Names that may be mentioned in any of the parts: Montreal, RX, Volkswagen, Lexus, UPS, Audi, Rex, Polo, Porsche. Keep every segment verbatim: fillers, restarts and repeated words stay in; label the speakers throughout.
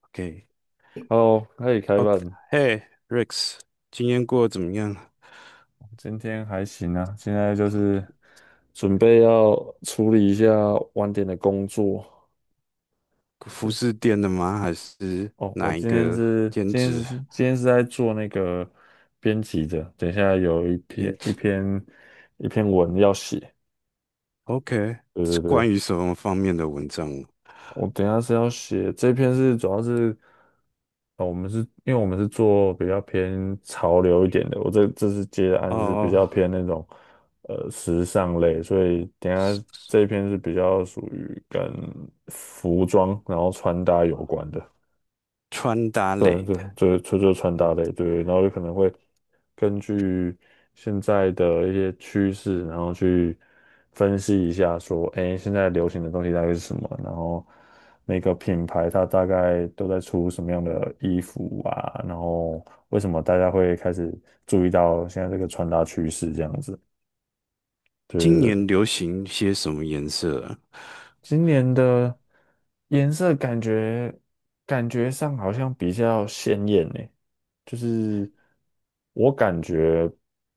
Speaker 1: OK。
Speaker 2: 哦，可以开
Speaker 1: O,
Speaker 2: 办。
Speaker 1: 嘿，Rex,今天过得怎么样？
Speaker 2: 今天还行啊，现在就是准备要处理一下晚点的工作。
Speaker 1: 服
Speaker 2: 对，
Speaker 1: 饰店的吗？还是
Speaker 2: 哦，我
Speaker 1: 哪一
Speaker 2: 今天
Speaker 1: 个
Speaker 2: 是
Speaker 1: 兼
Speaker 2: 今天是
Speaker 1: 职？
Speaker 2: 今天是在做那个编辑的，等一下有一
Speaker 1: 嗯
Speaker 2: 篇一篇一篇文要写。
Speaker 1: ，OK,
Speaker 2: 对
Speaker 1: 是
Speaker 2: 对
Speaker 1: 关
Speaker 2: 对，
Speaker 1: 于什么方面的文章？
Speaker 2: 我等一下是要写这篇是主要是，呃，我们是因为我们是做比较偏潮流一点的，我这这次接的案子是比
Speaker 1: 哦，
Speaker 2: 较偏那种呃时尚类，所以等一
Speaker 1: 是
Speaker 2: 下
Speaker 1: 是
Speaker 2: 这一篇是比较属于跟服装然后穿搭有关的。
Speaker 1: 穿搭
Speaker 2: 对
Speaker 1: 类
Speaker 2: 对
Speaker 1: 的。
Speaker 2: 就这就是穿搭
Speaker 1: 嗯，
Speaker 2: 类，对，然后有可能会根据现在的一些趋势，然后去分析一下说，哎，现在流行的东西大概是什么，然后每个品牌它大概都在出什么样的衣服啊，然后为什么大家会开始注意到现在这个穿搭趋势这样子，
Speaker 1: 今
Speaker 2: 对
Speaker 1: 年流行些什么颜色啊？
Speaker 2: 今年的颜色感觉感觉上好像比较鲜艳呢，就是我感觉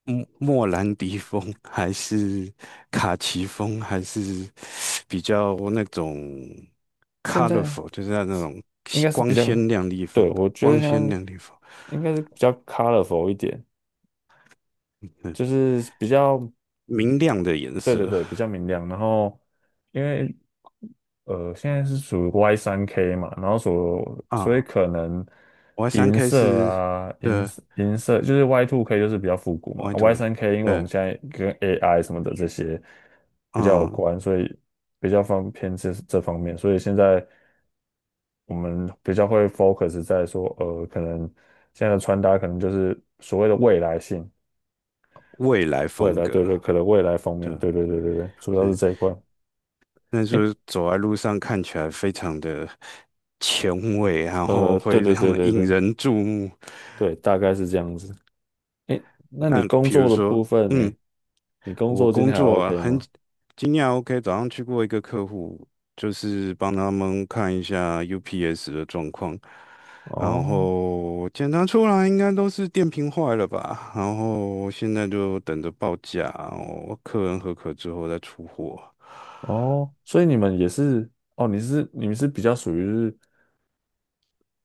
Speaker 1: 莫莫兰迪风还是卡其风，还是比较那种
Speaker 2: 现在
Speaker 1: colorful,就是那种
Speaker 2: 应该是比
Speaker 1: 光
Speaker 2: 较，
Speaker 1: 鲜亮丽风，
Speaker 2: 对，我觉得
Speaker 1: 光
Speaker 2: 现
Speaker 1: 鲜
Speaker 2: 在
Speaker 1: 亮丽风，
Speaker 2: 应该是比较 colorful 一点，
Speaker 1: 嗯，
Speaker 2: 就是比较，
Speaker 1: 明亮的颜
Speaker 2: 对对
Speaker 1: 色
Speaker 2: 对，比较明亮。然后因为呃，现在是属于 Y 三 K 嘛，然后所所以
Speaker 1: 啊。
Speaker 2: 可能
Speaker 1: 我三
Speaker 2: 银
Speaker 1: K
Speaker 2: 色
Speaker 1: 是
Speaker 2: 啊，银
Speaker 1: 的，
Speaker 2: 色银色就是 Y t K 就是比较复古
Speaker 1: 我
Speaker 2: 嘛
Speaker 1: 爱读
Speaker 2: ，Y
Speaker 1: 的，
Speaker 2: 三 K 因为我
Speaker 1: 对，
Speaker 2: 们现在跟 A I 什么的这些比较有
Speaker 1: 嗯，
Speaker 2: 关，所以比较方偏这这方面，所以现在我们比较会 focus 在说，呃，可能现在的穿搭可能就是所谓的未来性，
Speaker 1: 未来
Speaker 2: 未
Speaker 1: 风
Speaker 2: 来
Speaker 1: 格，
Speaker 2: 对对，可能未来方面，
Speaker 1: 对，
Speaker 2: 对对对对对，主要是
Speaker 1: 对，
Speaker 2: 这一块，
Speaker 1: 那就
Speaker 2: 诶，
Speaker 1: 是走在路上看起来非常的前卫，然
Speaker 2: 呃，
Speaker 1: 后
Speaker 2: 对
Speaker 1: 会
Speaker 2: 对
Speaker 1: 让
Speaker 2: 对
Speaker 1: 人
Speaker 2: 对
Speaker 1: 引
Speaker 2: 对
Speaker 1: 人注目。
Speaker 2: 对，大概是这样子。哎，那你
Speaker 1: 那
Speaker 2: 工
Speaker 1: 比
Speaker 2: 作
Speaker 1: 如
Speaker 2: 的
Speaker 1: 说。
Speaker 2: 部分呢？
Speaker 1: 嗯，
Speaker 2: 你工
Speaker 1: 我
Speaker 2: 作今
Speaker 1: 工
Speaker 2: 天还
Speaker 1: 作啊
Speaker 2: OK
Speaker 1: 很
Speaker 2: 吗？
Speaker 1: 经验 OK,早上去过一个客户，就是帮他们看一下 U P S 的状况，然
Speaker 2: 哦
Speaker 1: 后检查出来应该都是电瓶坏了吧，然后现在就等着报价，然后客人合格之后再出货。
Speaker 2: 哦，所以你们也是哦，你是你们是比较属于是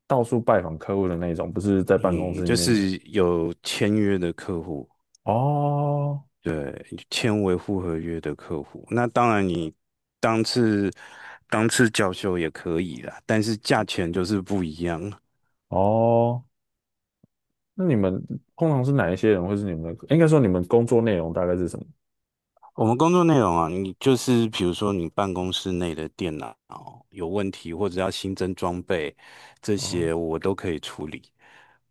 Speaker 2: 到处拜访客户的那一种，不是在办公
Speaker 1: 你
Speaker 2: 室里
Speaker 1: 就
Speaker 2: 面的。
Speaker 1: 是有签约的客户，
Speaker 2: 哦
Speaker 1: 对，签维护合约的客户，那当然你当次当次叫修也可以啦，但是价钱就是不一样。
Speaker 2: 哦，那你们通常是哪一些人，或是你们的，应该说你们工作内容大概是什么？
Speaker 1: 我们工作内容啊，你就是比如说你办公室内的电脑有问题，或者要新增装备，这
Speaker 2: 哦
Speaker 1: 些我都可以处理，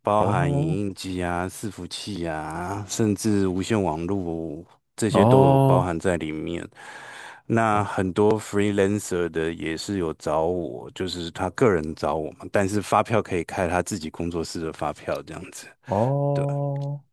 Speaker 1: 包含影
Speaker 2: 哦
Speaker 1: 印机啊、伺服器啊，甚至无线网络这些都有包
Speaker 2: 哦
Speaker 1: 含在里面。那
Speaker 2: 哦
Speaker 1: 很多 freelancer 的也是有找我，就是他个人找我嘛，但是发票可以开他自己工作室的发票这样子。对，
Speaker 2: 哦，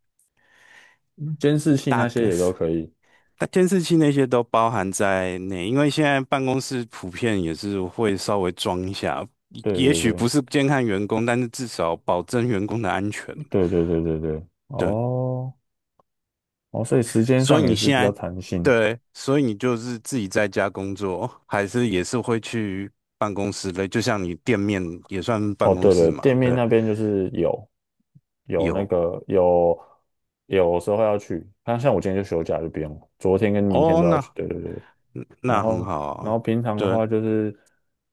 Speaker 2: 监视器那
Speaker 1: 大
Speaker 2: 些
Speaker 1: 概
Speaker 2: 也都可以。
Speaker 1: 那监视器那些都包含在内，因为现在办公室普遍也是会稍微装一下，也
Speaker 2: 对
Speaker 1: 也
Speaker 2: 对
Speaker 1: 许
Speaker 2: 对
Speaker 1: 不是监看员工，但是至少保证员工的安全。
Speaker 2: 对对对对对，
Speaker 1: 对，
Speaker 2: 哦哦，所以时间
Speaker 1: 所
Speaker 2: 上
Speaker 1: 以
Speaker 2: 也
Speaker 1: 你
Speaker 2: 是
Speaker 1: 现
Speaker 2: 比较
Speaker 1: 在，
Speaker 2: 弹性。
Speaker 1: 对，所以你就是自己在家工作，还是也是会去办公室的，就像你店面也算办
Speaker 2: 哦，
Speaker 1: 公
Speaker 2: 对
Speaker 1: 室
Speaker 2: 了，
Speaker 1: 嘛，
Speaker 2: 店面
Speaker 1: 对，
Speaker 2: 那边就是有有那
Speaker 1: 有
Speaker 2: 个有有时候要去，像像我今天就休假就不用了昨天跟明天
Speaker 1: 哦，
Speaker 2: 都要去。
Speaker 1: 那
Speaker 2: 对对对，然
Speaker 1: 那很
Speaker 2: 后
Speaker 1: 好
Speaker 2: 然后
Speaker 1: 啊，
Speaker 2: 平常的
Speaker 1: 对，
Speaker 2: 话就是，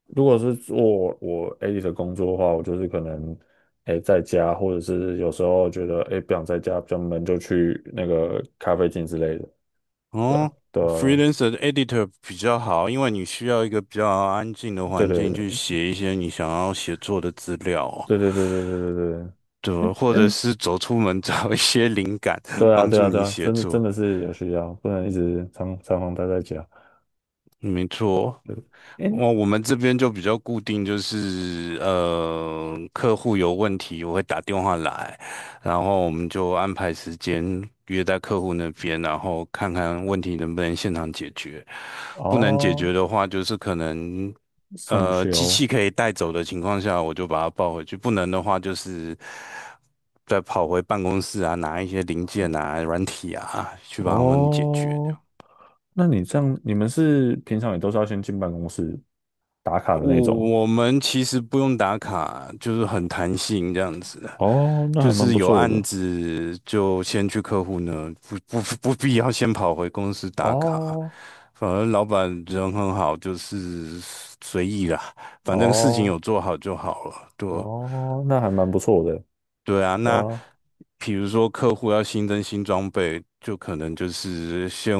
Speaker 2: 如果是做我 a l 的工作的话，我就是可能哎在家，或者是有时候觉得哎不想在家比较闷，就去那个咖啡厅之类的。对啊，
Speaker 1: 哦
Speaker 2: 对啊，
Speaker 1: ，freelancer 的 editor 比较好，因为你需要一个比较安静的
Speaker 2: 对
Speaker 1: 环境去
Speaker 2: 对
Speaker 1: 写一些你想要写作的资料哦，
Speaker 2: 对对对对对对对。哎，
Speaker 1: 对，或
Speaker 2: 诶
Speaker 1: 者
Speaker 2: 嗯
Speaker 1: 是走出门 找一些灵感，
Speaker 2: 对啊，
Speaker 1: 帮
Speaker 2: 对
Speaker 1: 助
Speaker 2: 啊，对
Speaker 1: 你
Speaker 2: 啊，
Speaker 1: 写
Speaker 2: 真的真
Speaker 1: 作。
Speaker 2: 的是有需要，不能一直常常常待在家。
Speaker 1: 没错
Speaker 2: 对，哎，
Speaker 1: 哦，我我们这边就比较固定，就是呃，客户有问题我会打电话来，然后我们就安排时间约在客户那边，然后看看问题能不能现场解决。不能解决
Speaker 2: 哦，
Speaker 1: 的话，就是可能
Speaker 2: 送
Speaker 1: 呃机
Speaker 2: 修，
Speaker 1: 器可以带走的情况下，我就把它抱回去；不能的话，就是再跑回办公室啊，拿一些零件啊、软体啊，去帮他们解决。
Speaker 2: 哦，那你这样，你们是平常也都是要先进办公室打卡的那种？
Speaker 1: 我我们其实不用打卡，就是很弹性这样子，
Speaker 2: 哦，那
Speaker 1: 就
Speaker 2: 还蛮
Speaker 1: 是
Speaker 2: 不
Speaker 1: 有
Speaker 2: 错
Speaker 1: 案
Speaker 2: 的。
Speaker 1: 子就先去客户呢，不不不必要先跑回公司打卡，
Speaker 2: 哦，
Speaker 1: 反而老板人很好，就是随意啦，反正事情
Speaker 2: 哦，
Speaker 1: 有做好就好了，对
Speaker 2: 哦，那还蛮不错的。
Speaker 1: 对啊，那
Speaker 2: 啊，
Speaker 1: 比如说客户要新增新装备，就可能就是先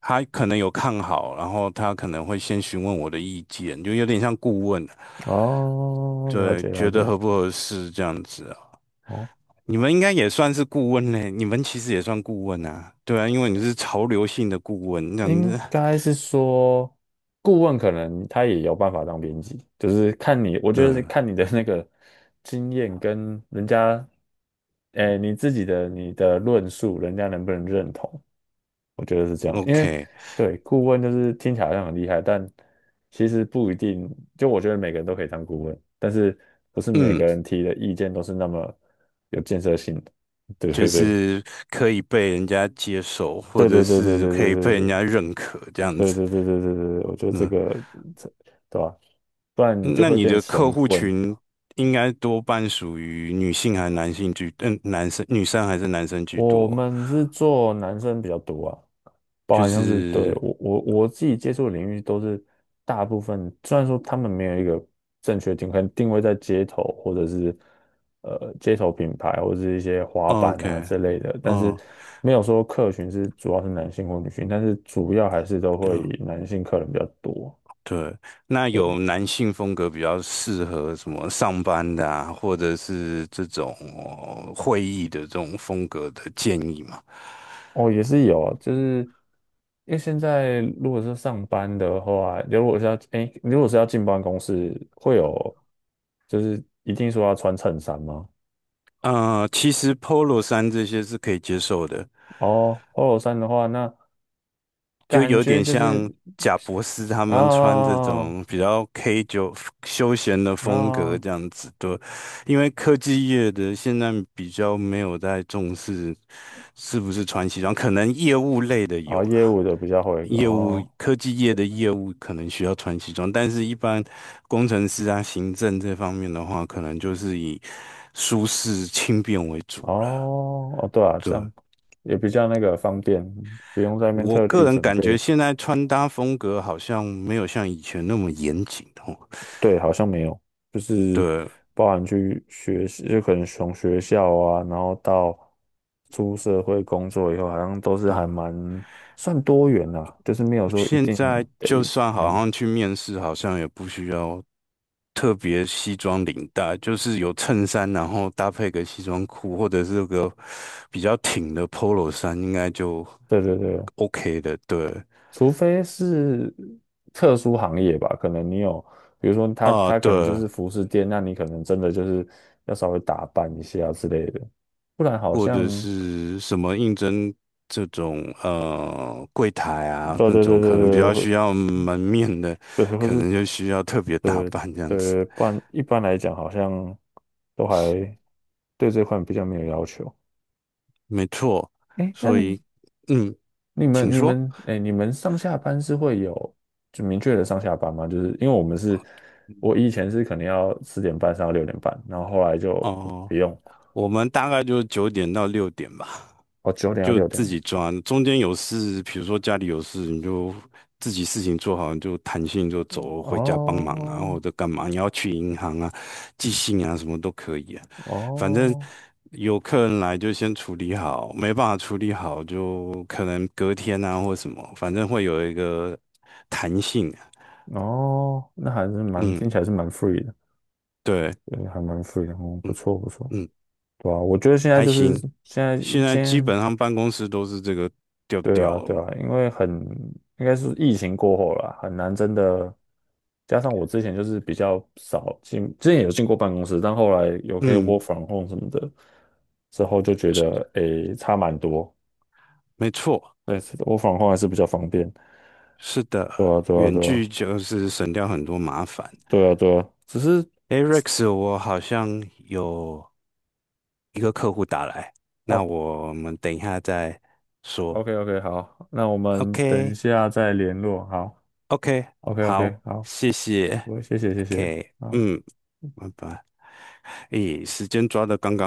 Speaker 1: 他可能有看好，然后他可能会先询问我的意见，就有点像顾问。
Speaker 2: 哦，了
Speaker 1: 对，
Speaker 2: 解了
Speaker 1: 觉得
Speaker 2: 解。
Speaker 1: 合不合适这样子啊？
Speaker 2: 哦，
Speaker 1: 你们应该也算是顾问嘞，你们其实也算顾问啊，对啊，因为你是潮流性的顾问这样
Speaker 2: 应
Speaker 1: 子，
Speaker 2: 该是说，顾问可能他也有办法当编辑，就是看你，我觉得是
Speaker 1: 对
Speaker 2: 看你的那个经验跟人家，哎，你自己的你的论述，人家能不能认同？我觉得是这样，因为
Speaker 1: ，OK,
Speaker 2: 对顾问就是听起来好像很厉害，但其实不一定。就我觉得每个人都可以当顾问，但是不是每
Speaker 1: 嗯，
Speaker 2: 个人提的意见都是那么有建设性的。对
Speaker 1: 就
Speaker 2: 对对
Speaker 1: 是可以被人家接受，或
Speaker 2: 对对
Speaker 1: 者
Speaker 2: 对对
Speaker 1: 是
Speaker 2: 对
Speaker 1: 可
Speaker 2: 对
Speaker 1: 以
Speaker 2: 对
Speaker 1: 被人
Speaker 2: 对。
Speaker 1: 家认可这样
Speaker 2: 对
Speaker 1: 子，
Speaker 2: 对对对对对，我觉得这
Speaker 1: 嗯，
Speaker 2: 个这对吧？不然你就
Speaker 1: 那
Speaker 2: 会
Speaker 1: 你
Speaker 2: 变
Speaker 1: 的客
Speaker 2: 神
Speaker 1: 户
Speaker 2: 棍。
Speaker 1: 群应该多半属于女性还是男性居，嗯，男生、女生还是男生居多？
Speaker 2: 我们是做男生比较多啊，包
Speaker 1: 就
Speaker 2: 含像是对
Speaker 1: 是
Speaker 2: 我我我自己接触的领域都是大部分，虽然说他们没有一个正确定，可能定位在街头或者是呃街头品牌或者是一些滑板啊
Speaker 1: OK,
Speaker 2: 之类的，但是
Speaker 1: 哦。
Speaker 2: 没有说客群是主要是男性或女性，但是主要还是都会以男性客人比较多。
Speaker 1: 对，那有男性风格比较适合什么上班的啊，或者是这种呃会议的这种风格的建议吗？
Speaker 2: 哦，也是有，就是因为现在如果是上班的话，如果是要哎，如果是要进办公室，会有就是一定说要穿衬衫吗？
Speaker 1: 呃，其实 Polo 衫这些是可以接受的，
Speaker 2: 哦，polo 衫的话，那
Speaker 1: 就
Speaker 2: 感
Speaker 1: 有
Speaker 2: 觉
Speaker 1: 点
Speaker 2: 就是
Speaker 1: 像贾博斯他们穿这
Speaker 2: 啊
Speaker 1: 种比较 K 九休闲的风格
Speaker 2: 啊
Speaker 1: 这样子，对，因为科技业的现在比较没有在重视是不是穿西装，可能业务类的
Speaker 2: 啊，
Speaker 1: 有
Speaker 2: 业
Speaker 1: 啦。
Speaker 2: 务的比较会
Speaker 1: 业务
Speaker 2: 哦
Speaker 1: 科技业的业务可能需要穿西装，但是一般工程师啊、行政这方面的话，可能就是以舒适轻便为主了。
Speaker 2: 哦哦，对啊，这
Speaker 1: 对，
Speaker 2: 样也比较那个方便，不用在那边
Speaker 1: 我
Speaker 2: 特
Speaker 1: 个
Speaker 2: 地
Speaker 1: 人
Speaker 2: 准
Speaker 1: 感觉
Speaker 2: 备。
Speaker 1: 现在穿搭风格好像没有像以前那么严谨哦。
Speaker 2: 对，好像没有，就是
Speaker 1: 对
Speaker 2: 包含去学习，就可能从学校啊，然后到出社会工作以后，好像都是
Speaker 1: 对，
Speaker 2: 还蛮算多元啦、啊，就是没有说一
Speaker 1: 现
Speaker 2: 定
Speaker 1: 在就
Speaker 2: 得怎
Speaker 1: 算好
Speaker 2: 样。
Speaker 1: 像去面试，好像也不需要特别西装领带，就是有衬衫，然后搭配个西装裤，或者是个比较挺的 polo 衫，应该就
Speaker 2: 对对对，
Speaker 1: OK 的。对，
Speaker 2: 除非是特殊行业吧，可能你有，比如说他
Speaker 1: 啊，
Speaker 2: 他可能就
Speaker 1: 对，
Speaker 2: 是服饰店，那你可能真的就是要稍微打扮一下之类的，不然好
Speaker 1: 或者
Speaker 2: 像
Speaker 1: 是什么应征这种呃柜台啊，
Speaker 2: 对
Speaker 1: 那
Speaker 2: 对对对
Speaker 1: 种可能比
Speaker 2: 对，
Speaker 1: 较
Speaker 2: 会
Speaker 1: 需要门面的，
Speaker 2: 对，或
Speaker 1: 可
Speaker 2: 是
Speaker 1: 能就需要特别打扮这样子。
Speaker 2: 对，不然一般来讲好像都还对这块比较没有要求。
Speaker 1: 没错，
Speaker 2: 哎，那
Speaker 1: 所以嗯，
Speaker 2: 你
Speaker 1: 请
Speaker 2: 们你
Speaker 1: 说。
Speaker 2: 们哎，你们上下班是会有就明确的上下班吗？就是因为我们是，我以前是可能要四点半上到六点半，然后后来就
Speaker 1: 哦，
Speaker 2: 不用，
Speaker 1: 我们大概就九点到六点吧，
Speaker 2: 哦，九点到
Speaker 1: 就
Speaker 2: 六点，
Speaker 1: 自己抓。中间有事，比如说家里有事，你就自己事情做好，你就弹性就
Speaker 2: 嗯，
Speaker 1: 走回家帮忙啊，或
Speaker 2: 哦
Speaker 1: 者干嘛？你要去银行啊、寄信啊，什么都可以啊。反正
Speaker 2: 哦
Speaker 1: 有客人来就先处理好，没办法处理好就可能隔天啊或什么，反正会有一个弹性啊。
Speaker 2: 哦，那还是蛮
Speaker 1: 嗯，
Speaker 2: 听起来是蛮 free 的，
Speaker 1: 对，
Speaker 2: 对，还蛮 free 的，嗯，不
Speaker 1: 嗯
Speaker 2: 错不错。
Speaker 1: 嗯，
Speaker 2: 对啊，我觉得现在
Speaker 1: 还
Speaker 2: 就是
Speaker 1: 行。
Speaker 2: 现在，
Speaker 1: 现在基
Speaker 2: 先。
Speaker 1: 本上办公室都是这个调
Speaker 2: 对啊，
Speaker 1: 调
Speaker 2: 对啊，
Speaker 1: 了，
Speaker 2: 因为很，应该是疫情过后啦，很难真的。加上我之前就是比较少进，之前有进过办公室，但后来有可以 w o
Speaker 1: 嗯，
Speaker 2: r 什么的，之后就觉得诶差蛮多。
Speaker 1: 没错，
Speaker 2: 对 w o r 还是比较方便。
Speaker 1: 是的，
Speaker 2: 对啊，对啊，
Speaker 1: 远
Speaker 2: 对啊，
Speaker 1: 距就是省掉很多麻烦。
Speaker 2: 对啊，对啊。只是
Speaker 1: 诶 r e x 我好像有一个客户打来，那
Speaker 2: 哦
Speaker 1: 我们等一下再说。
Speaker 2: ，OK OK，好，那我们等一
Speaker 1: OK,OK,
Speaker 2: 下再联络。好，OK OK，
Speaker 1: 好，
Speaker 2: 好，
Speaker 1: 谢谢。
Speaker 2: 我谢谢谢谢，
Speaker 1: OK,
Speaker 2: 好。
Speaker 1: 嗯，拜拜。咦，时间抓的刚刚。